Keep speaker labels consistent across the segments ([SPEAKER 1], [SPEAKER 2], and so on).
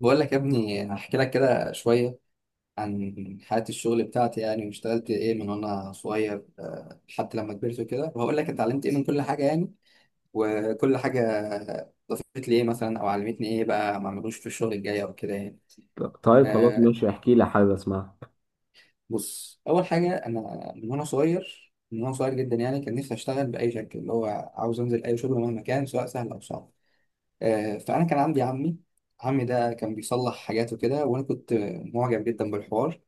[SPEAKER 1] بقول لك يا ابني هحكي لك كده شوية عن حياة الشغل بتاعتي يعني، واشتغلت ايه من وانا صغير لحد لما كبرت وكده. وهقول لك اتعلمت ايه من كل حاجة يعني، وكل حاجة ضافت لي ايه مثلا او علمتني ايه بقى ما اعملوش في الشغل الجاي او كده يعني.
[SPEAKER 2] طيب خلاص
[SPEAKER 1] آه
[SPEAKER 2] ماشي احكي لي حابب اسمعها.
[SPEAKER 1] بص، اول حاجة انا من وانا صغير جدا يعني، كان نفسي اشتغل بأي شكل اللي هو عاوز انزل اي شغل مهما كان، سواء سهل او صعب. فانا كان عندي عمي. عمي ده كان بيصلح حاجات وكده، وانا كنت معجب جدا بالحوار.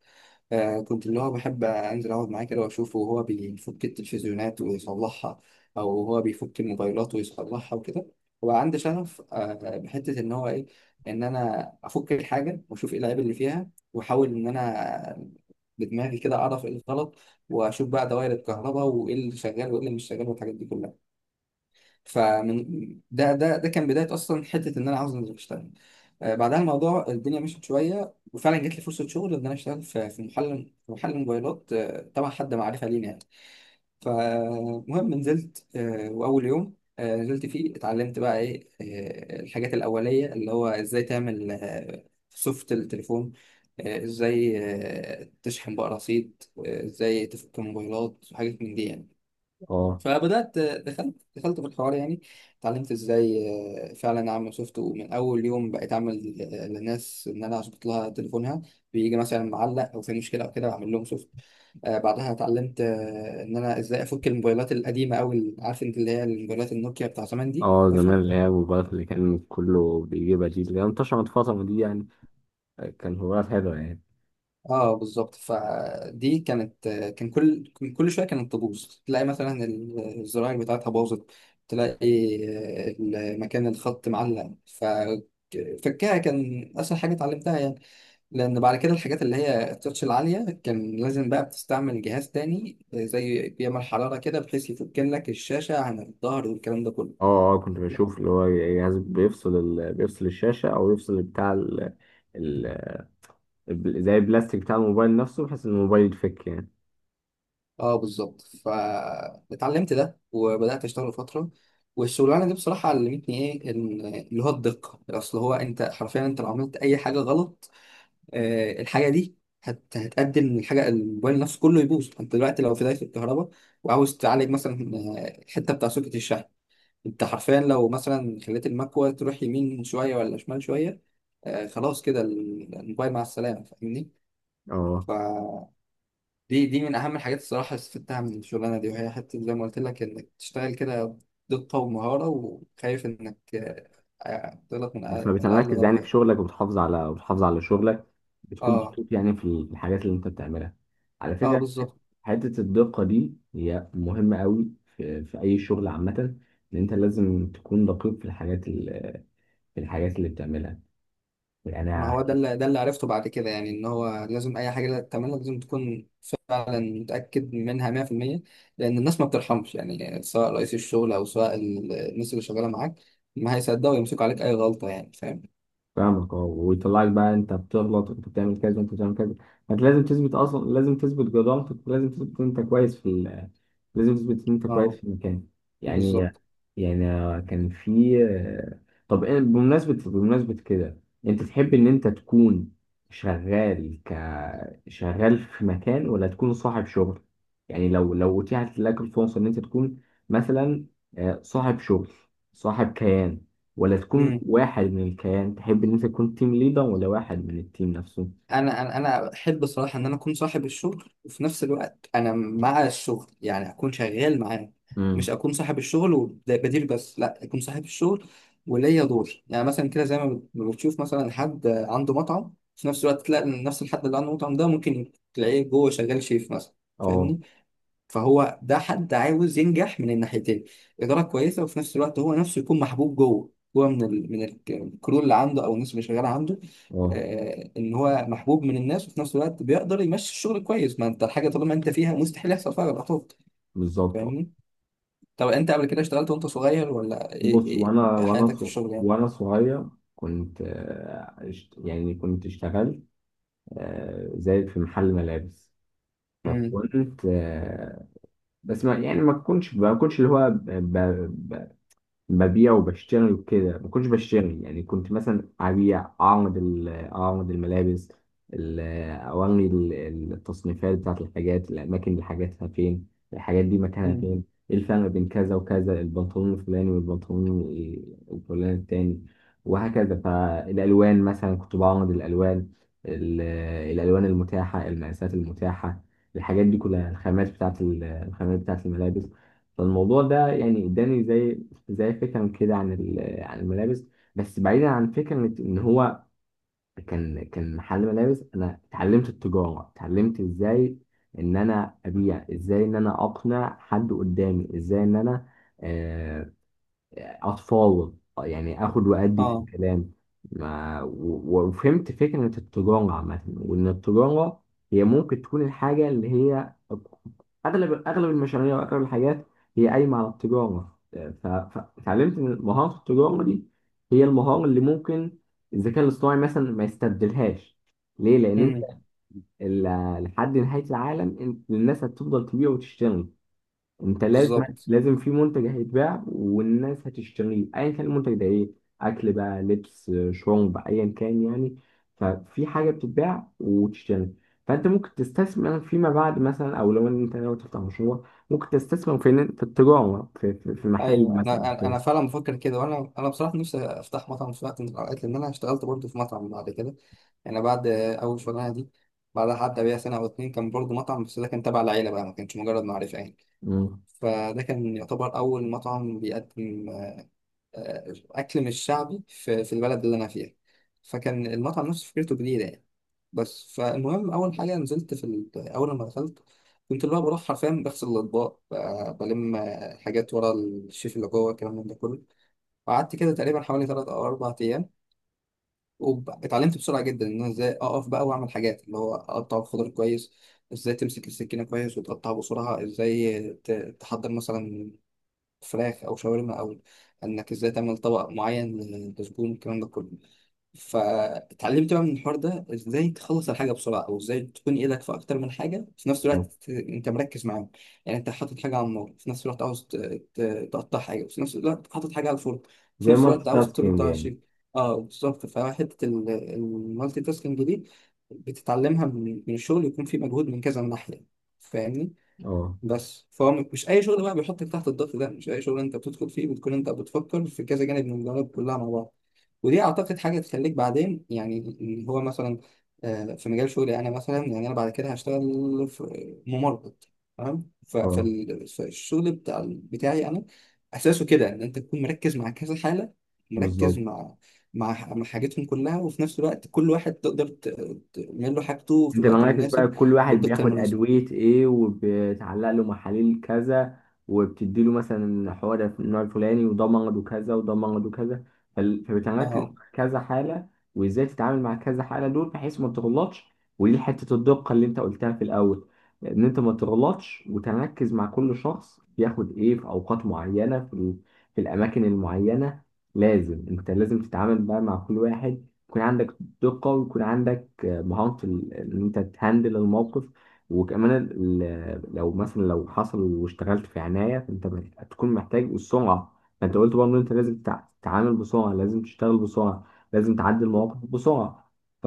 [SPEAKER 1] كنت اللي هو بحب انزل اقعد معاه كده واشوفه وهو بيفك التلفزيونات ويصلحها، او هو بيفك الموبايلات ويصلحها وكده. وبقى عندي شغف بحته ان هو ايه، ان انا افك الحاجه واشوف ايه العيب اللي فيها، واحاول ان انا بدماغي كده اعرف ايه الغلط، واشوف بقى دوائر الكهرباء وايه اللي شغال وايه اللي مش شغال والحاجات دي كلها. فمن ده كان بدايه اصلا حته ان انا عاوز انزل اشتغل. بعدها الموضوع الدنيا مشيت شويه، وفعلا جت لي فرصه شغل ان انا اشتغل في محل في محل موبايلات، تبع حد معرفه لينا يعني. فمهم نزلت، واول يوم نزلت فيه اتعلمت بقى ايه الحاجات الاوليه، اللي هو ازاي تعمل سوفت التليفون، ازاي تشحن بقى رصيد، ازاي تفك موبايلات وحاجات من دي يعني.
[SPEAKER 2] اه،
[SPEAKER 1] فبدأت دخلت في الحوار يعني، اتعلمت ازاي فعلا اعمل سوفت، ومن اول يوم بقيت اعمل للناس ان انا اظبط لها تليفونها، بيجي مثلا معلق او في مشكله او كده، بعمل لهم سوفت. بعدها اتعلمت ان انا ازاي افك الموبايلات القديمه، او عارف انت اللي هي الموبايلات النوكيا بتاع زمان دي،
[SPEAKER 2] اه زمان
[SPEAKER 1] عارفها.
[SPEAKER 2] اللي هي الموبايلات اللي كان كله بيجيبها دي اللي هي انتشرت الفترة دي يعني. كان موبايلات حلوة يعني.
[SPEAKER 1] اه بالظبط، فدي كانت، كان كل شويه كانت تبوظ. تلاقي مثلا الزراير بتاعتها باظت، تلاقي مكان الخط معلق، فكها كان اسهل حاجه اتعلمتها يعني. لان بعد كده الحاجات اللي هي التاتش العاليه كان لازم بقى بتستعمل جهاز تاني زي بيعمل حراره كده، بحيث يفك لك الشاشه عن الظهر والكلام ده كله.
[SPEAKER 2] اه، اه كنت بشوف اللي هو جهاز بيفصل بيفصل الشاشة او يفصل بتاع ال... زي البلاستيك بتاع الموبايل نفسه بحيث ان الموبايل يتفك يعني.
[SPEAKER 1] اه بالظبط، فاتعلمت ده وبدات اشتغل فتره، والشغلانه دي بصراحه علمتني ايه اللي هو الدقه. اصل هو انت حرفيا، انت لو عملت اي حاجه غلط الحاجه دي هتأدي ان الحاجه الموبايل نفسه كله يبوظ. انت دلوقتي لو في دايره الكهرباء وعاوز تعالج مثلا الحته بتاع سوكت الشحن، انت حرفيا لو مثلا خليت المكوه تروح يمين شويه ولا شمال شويه خلاص كده الموبايل مع السلامه، فاهمني؟
[SPEAKER 2] اه،
[SPEAKER 1] دي من اهم الحاجات الصراحه اللي استفدتها من الشغلانه دي، وهي حته زي ما قلت لك انك تشتغل كده، دقه ومهاره، وخايف انك تغلط من أقل
[SPEAKER 2] فبتركز يعني في
[SPEAKER 1] غلطه.
[SPEAKER 2] شغلك وبتحافظ على شغلك. بتكون
[SPEAKER 1] اه
[SPEAKER 2] مبسوط يعني في الحاجات اللي انت بتعملها. على
[SPEAKER 1] اه
[SPEAKER 2] فكرة
[SPEAKER 1] بالظبط.
[SPEAKER 2] حتة الدقة دي هي مهمة قوي في أي شغل عامة. إن أنت لازم تكون دقيق في في الحاجات اللي بتعملها يعني.
[SPEAKER 1] ما هو ده اللي عرفته بعد كده يعني، ان هو لازم اي حاجه تعملها لازم تكون فعلا متاكد منها 100%. لان الناس ما بترحمش يعني، سواء رئيس الشغل او سواء الناس اللي شغاله معاك، ما هيصدقوا يمسكوا عليك اي غلطه يعني، فاهم؟
[SPEAKER 2] فاهمك. اه، ويطلعك بقى انت بتغلط وانت بتعمل كذا وانت بتعمل كذا. انت لازم تثبت اصلا، لازم تثبت جدارتك، ولازم تثبت ان انت كويس في لازم تثبت ان انت كويس
[SPEAKER 1] اه
[SPEAKER 2] في المكان يعني.
[SPEAKER 1] بالظبط.
[SPEAKER 2] يعني كان في، بمناسبة كده، انت تحب ان انت تكون شغال شغال في مكان ولا تكون صاحب شغل؟ يعني لو اتيحت لك الفرصة ان انت تكون مثلا، صاحب شغل، صاحب كيان، ولا تكون
[SPEAKER 1] إمم.
[SPEAKER 2] واحد من الكيان؟ تحب ان انت تكون تيم ليدر ولا واحد من التيم نفسه؟
[SPEAKER 1] انا احب الصراحه ان انا اكون صاحب الشغل، وفي نفس الوقت انا مع الشغل يعني، اكون شغال معاه. مش
[SPEAKER 2] امم،
[SPEAKER 1] اكون صاحب الشغل وبدير بس، لا، اكون صاحب الشغل وليا دور يعني، مثلا كده زي ما ما بتشوف مثلا حد عنده مطعم، في نفس الوقت تلاقي إن نفس الحد اللي عنده مطعم ده ممكن تلاقيه جوه شغال شيف مثلا،
[SPEAKER 2] اه،
[SPEAKER 1] فاهمني؟ فهو ده حد عاوز ينجح من الناحيتين، إدارة كويسة، وفي نفس الوقت هو نفسه يكون محبوب جوه، هو الكرو اللي عنده، أو الناس اللي شغالة عنده.
[SPEAKER 2] اه
[SPEAKER 1] إن هو محبوب من الناس، وفي نفس الوقت بيقدر يمشي الشغل كويس. ما أنت الحاجة طالما أنت فيها مستحيل يحصل فيها غلطات،
[SPEAKER 2] بالظبط. اه،
[SPEAKER 1] فاهمني؟ طب أنت قبل كده اشتغلت وأنت صغير ولا إيه؟
[SPEAKER 2] بص
[SPEAKER 1] إيه حياتك في الشغل يعني؟
[SPEAKER 2] وانا صغير كنت يعني كنت اشتغلت زي في محل ملابس.
[SPEAKER 1] امم،
[SPEAKER 2] فكنت بس ما يعني ما كنتش اللي هو ببيع وبشتري وكده، ما كنتش بشتري يعني. كنت مثلا ابيع، اعرض اعرض الملابس، ال- اوري التصنيفات بتاعت الحاجات، الاماكن اللي حاجاتها فين، الحاجات دي مكانها
[SPEAKER 1] امم،
[SPEAKER 2] فين، ايه الفرق بين كذا وكذا، البنطلون الفلاني والبنطلون الفلاني التاني وهكذا. فالالوان مثلا كنت بعرض الالوان، ال- الالوان المتاحه، المقاسات المتاحه، الحاجات دي كلها، الخامات بتاعت الخامات بتاعت الملابس. فالموضوع ده يعني اداني زي، زي فكرة كده عن عن الملابس. بس بعيدا عن فكرة إن هو كان محل ملابس، أنا اتعلمت التجارة، اتعلمت إزاي إن أنا أبيع، إزاي إن أنا أقنع حد قدامي، إزاي إن أنا آه، أتفاوض يعني، آخد وأدي في
[SPEAKER 1] اه،
[SPEAKER 2] الكلام. ما و- وفهمت فكرة التجارة عامة، وإن التجارة هي ممكن تكون الحاجة اللي هي، أغلب المشاريع وأغلب الحاجات هي قايمة على التجارة. فتعلمت إن مهارة التجارة دي هي المهارة اللي ممكن الذكاء الاصطناعي مثلا ما يستبدلهاش. ليه؟ لأن
[SPEAKER 1] امم،
[SPEAKER 2] لحد نهاية العالم الناس هتفضل تبيع وتشتري. انت لازم،
[SPEAKER 1] بالظبط.
[SPEAKER 2] لازم في منتج هيتباع والناس هتشتريه، ايا كان المنتج ده ايه، اكل بقى، لبس، شرب، ايا كان يعني. ففي حاجه بتتباع وتشتري. فانت ممكن تستثمر فيما بعد مثلا، او لو انت ناوي تفتح مشروع ممكن تستثمر في، في التجاره، في محل
[SPEAKER 1] ايوه، انا
[SPEAKER 2] مثلا،
[SPEAKER 1] انا
[SPEAKER 2] في.
[SPEAKER 1] أنا فعلا بفكر كده، وانا بصراحه نفسي افتح مطعم في وقت من الاوقات، لان انا اشتغلت برضه في مطعم بعد كده يعني، بعد اول شغلانه دي. بعدها حتى بيها سنه او اتنين كان برضه مطعم، بس ده كان تبع العيله بقى، ما كانش مجرد معرفه يعني.
[SPEAKER 2] مم.
[SPEAKER 1] فده كان يعتبر اول مطعم بيقدم أكل مش شعبي في البلد اللي أنا فيها، فكان المطعم نفسه فكرته جديدة يعني. بس فالمهم أول حاجة نزلت في أول ما دخلت، كنت اللي هو بروح حرفيا بغسل الأطباق، بلم حاجات ورا الشيف اللي جوه، الكلام من ده كله. وقعدت كده تقريبا حوالي تلات أو أربع أيام، واتعلمت بسرعة جدا إن أنا إزاي أقف بقى وأعمل حاجات، اللي هو أقطع الخضار كويس، إزاي تمسك السكينة كويس وتقطعها بسرعة، إزاي تحضر مثلا فراخ او شاورما، او انك ازاي تعمل طبق معين من الدسبون، الكلام ده كله. فاتعلمت بقى من الحوار ده ازاي تخلص الحاجه بسرعه، او ازاي تكون ايدك في اكتر من حاجه في نفس الوقت، انت مركز معاهم يعني. انت حاطط حاجه على النار، في نفس الوقت عاوز تقطع حاجه، وفي نفس الوقت حاطط حاجه على الفرن، في
[SPEAKER 2] زي
[SPEAKER 1] نفس
[SPEAKER 2] مالتي
[SPEAKER 1] الوقت عاوز ترد
[SPEAKER 2] تاسكينج
[SPEAKER 1] على
[SPEAKER 2] يعني.
[SPEAKER 1] شيء. اه بالظبط، فحته المالتي تاسكينج دي بتتعلمها من الشغل، يكون في مجهود من كذا ناحيه، فاهمني؟
[SPEAKER 2] اه،
[SPEAKER 1] بس فهو مش اي شغل بقى بيحطك تحت الضغط ده، مش اي شغل انت بتدخل فيه بتكون انت بتفكر في كذا جانب من الجوانب كلها مع بعض. ودي اعتقد حاجه تخليك بعدين يعني، اللي هو مثلا في مجال شغلي انا مثلا يعني، انا بعد كده هشتغل في ممرض، تمام.
[SPEAKER 2] اه
[SPEAKER 1] فالشغل بتاعي انا اساسه كده، ان انت تكون مركز مع كذا حاله، مركز
[SPEAKER 2] بالظبط.
[SPEAKER 1] مع حاجتهم كلها، وفي نفس الوقت كل واحد تقدر تعمل له حاجته في
[SPEAKER 2] انت
[SPEAKER 1] الوقت
[SPEAKER 2] مراكز بقى
[SPEAKER 1] المناسب،
[SPEAKER 2] كل واحد
[SPEAKER 1] والدقه
[SPEAKER 2] بياخد
[SPEAKER 1] المناسبه.
[SPEAKER 2] ادويه ايه، وبتعلق له محاليل كذا، وبتدي له مثلا حوار النوع الفلاني، وده مرض وكذا وده مرض وكذا. فبتركز
[SPEAKER 1] اه،
[SPEAKER 2] مع كذا حاله، وازاي تتعامل مع كذا حاله دول بحيث ما تغلطش. ودي حته الدقه اللي انت قلتها في الاول، ان انت ما تغلطش وتركز مع كل شخص بياخد ايه في اوقات معينه في في الاماكن المعينه. لازم انت لازم تتعامل بقى مع كل واحد، يكون عندك دقه، ويكون عندك مهارة إن أنت تهندل الموقف. وكمان لو مثلا لو حصل واشتغلت في عناية فأنت هتكون محتاج السرعة. فأنت قلت برضه إن أنت لازم تتعامل بسرعة، لازم تشتغل بسرعة، لازم تعدي المواقف بسرعة. ف...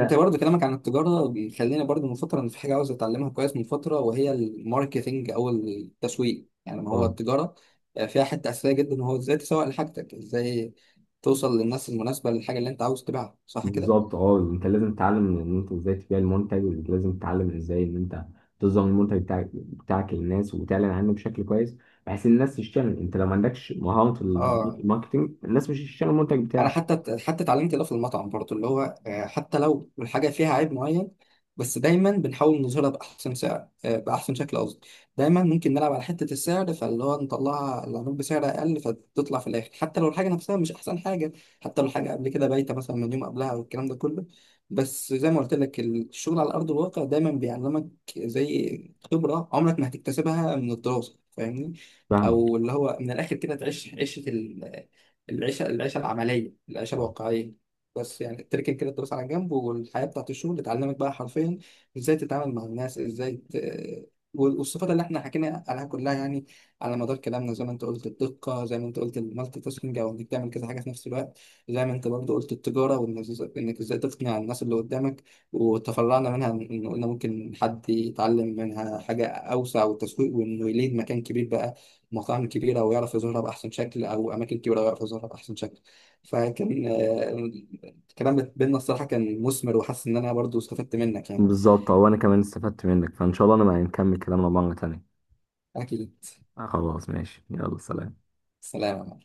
[SPEAKER 1] انت برضو كلامك عن التجارة بيخليني برضو من فترة ان في حاجة عاوز اتعلمها كويس من فترة، وهي الماركتينج او التسويق يعني. ما هو
[SPEAKER 2] اه
[SPEAKER 1] التجارة فيها حتة اساسية جدا، وهو ازاي تسوق لحاجتك، ازاي توصل للناس المناسبة للحاجة اللي انت عاوز تبيعها، صح كده؟
[SPEAKER 2] بالظبط. اه انت لازم تتعلم ان انت ازاي تبيع المنتج، لازم تتعلم ازاي ان انت تظهر المنتج بتاعك للناس، وتعلن عنه بشكل كويس بحيث الناس تشتغل. انت لو ما عندكش مهارة
[SPEAKER 1] اه،
[SPEAKER 2] الماركتينج الناس مش هتشتغل المنتج
[SPEAKER 1] انا
[SPEAKER 2] بتاعك.
[SPEAKER 1] حتى اتعلمت ده في المطعم برضه، اللي هو حتى لو الحاجه فيها عيب معين، بس دايما بنحاول نظهرها باحسن سعر، باحسن شكل قصدي. دايما ممكن نلعب على حته السعر، فاللي هو نطلعها العروض بسعر اقل، فتطلع في الاخر حتى لو الحاجه نفسها مش احسن حاجه، حتى لو الحاجه قبل كده بايته مثلا من يوم قبلها والكلام ده كله. بس زي ما قلت لك، الشغل على ارض الواقع دايما بيعلمك، زي خبره عمرك ما هتكتسبها من الدراسه، فاهمني؟
[SPEAKER 2] فاهمك.
[SPEAKER 1] او اللي هو من الاخر كده تعيش عيشه، العيشه العمليه، العيشه
[SPEAKER 2] آه.
[SPEAKER 1] الواقعيه. بس يعني تركن كده الدراسه على جنب، والحياه بتاعت الشغل تعلمك بقى حرفيا ازاي تتعامل مع الناس، ازاي والصفات اللي احنا حكينا عليها كلها يعني، على مدار كلامنا، زي ما انت قلت الدقه، زي ما انت قلت المالتي تاسكينج او انك تعمل كذا حاجه في نفس الوقت، زي ما انت برضه قلت التجاره، وانك إنك ازاي تقنع الناس اللي قدامك. وتفرعنا منها ان قلنا ممكن حد يتعلم منها حاجه اوسع، والتسويق، وانه يليد مكان كبير بقى، مطاعم كبيرة ويعرف يظهرها بأحسن شكل، أو أماكن كبيرة ويعرف يظهرها بأحسن شكل. فكان الكلام بيننا الصراحة كان مثمر، وحاسس إن أنا برضو استفدت منك يعني.
[SPEAKER 2] بالظبط. هو انا كمان استفدت منك، فان شاء الله انا ما نكمل كلامنا مرة تانية.
[SPEAKER 1] أكيد.
[SPEAKER 2] آه، خلاص ماشي، يلا سلام.
[SPEAKER 1] سلام.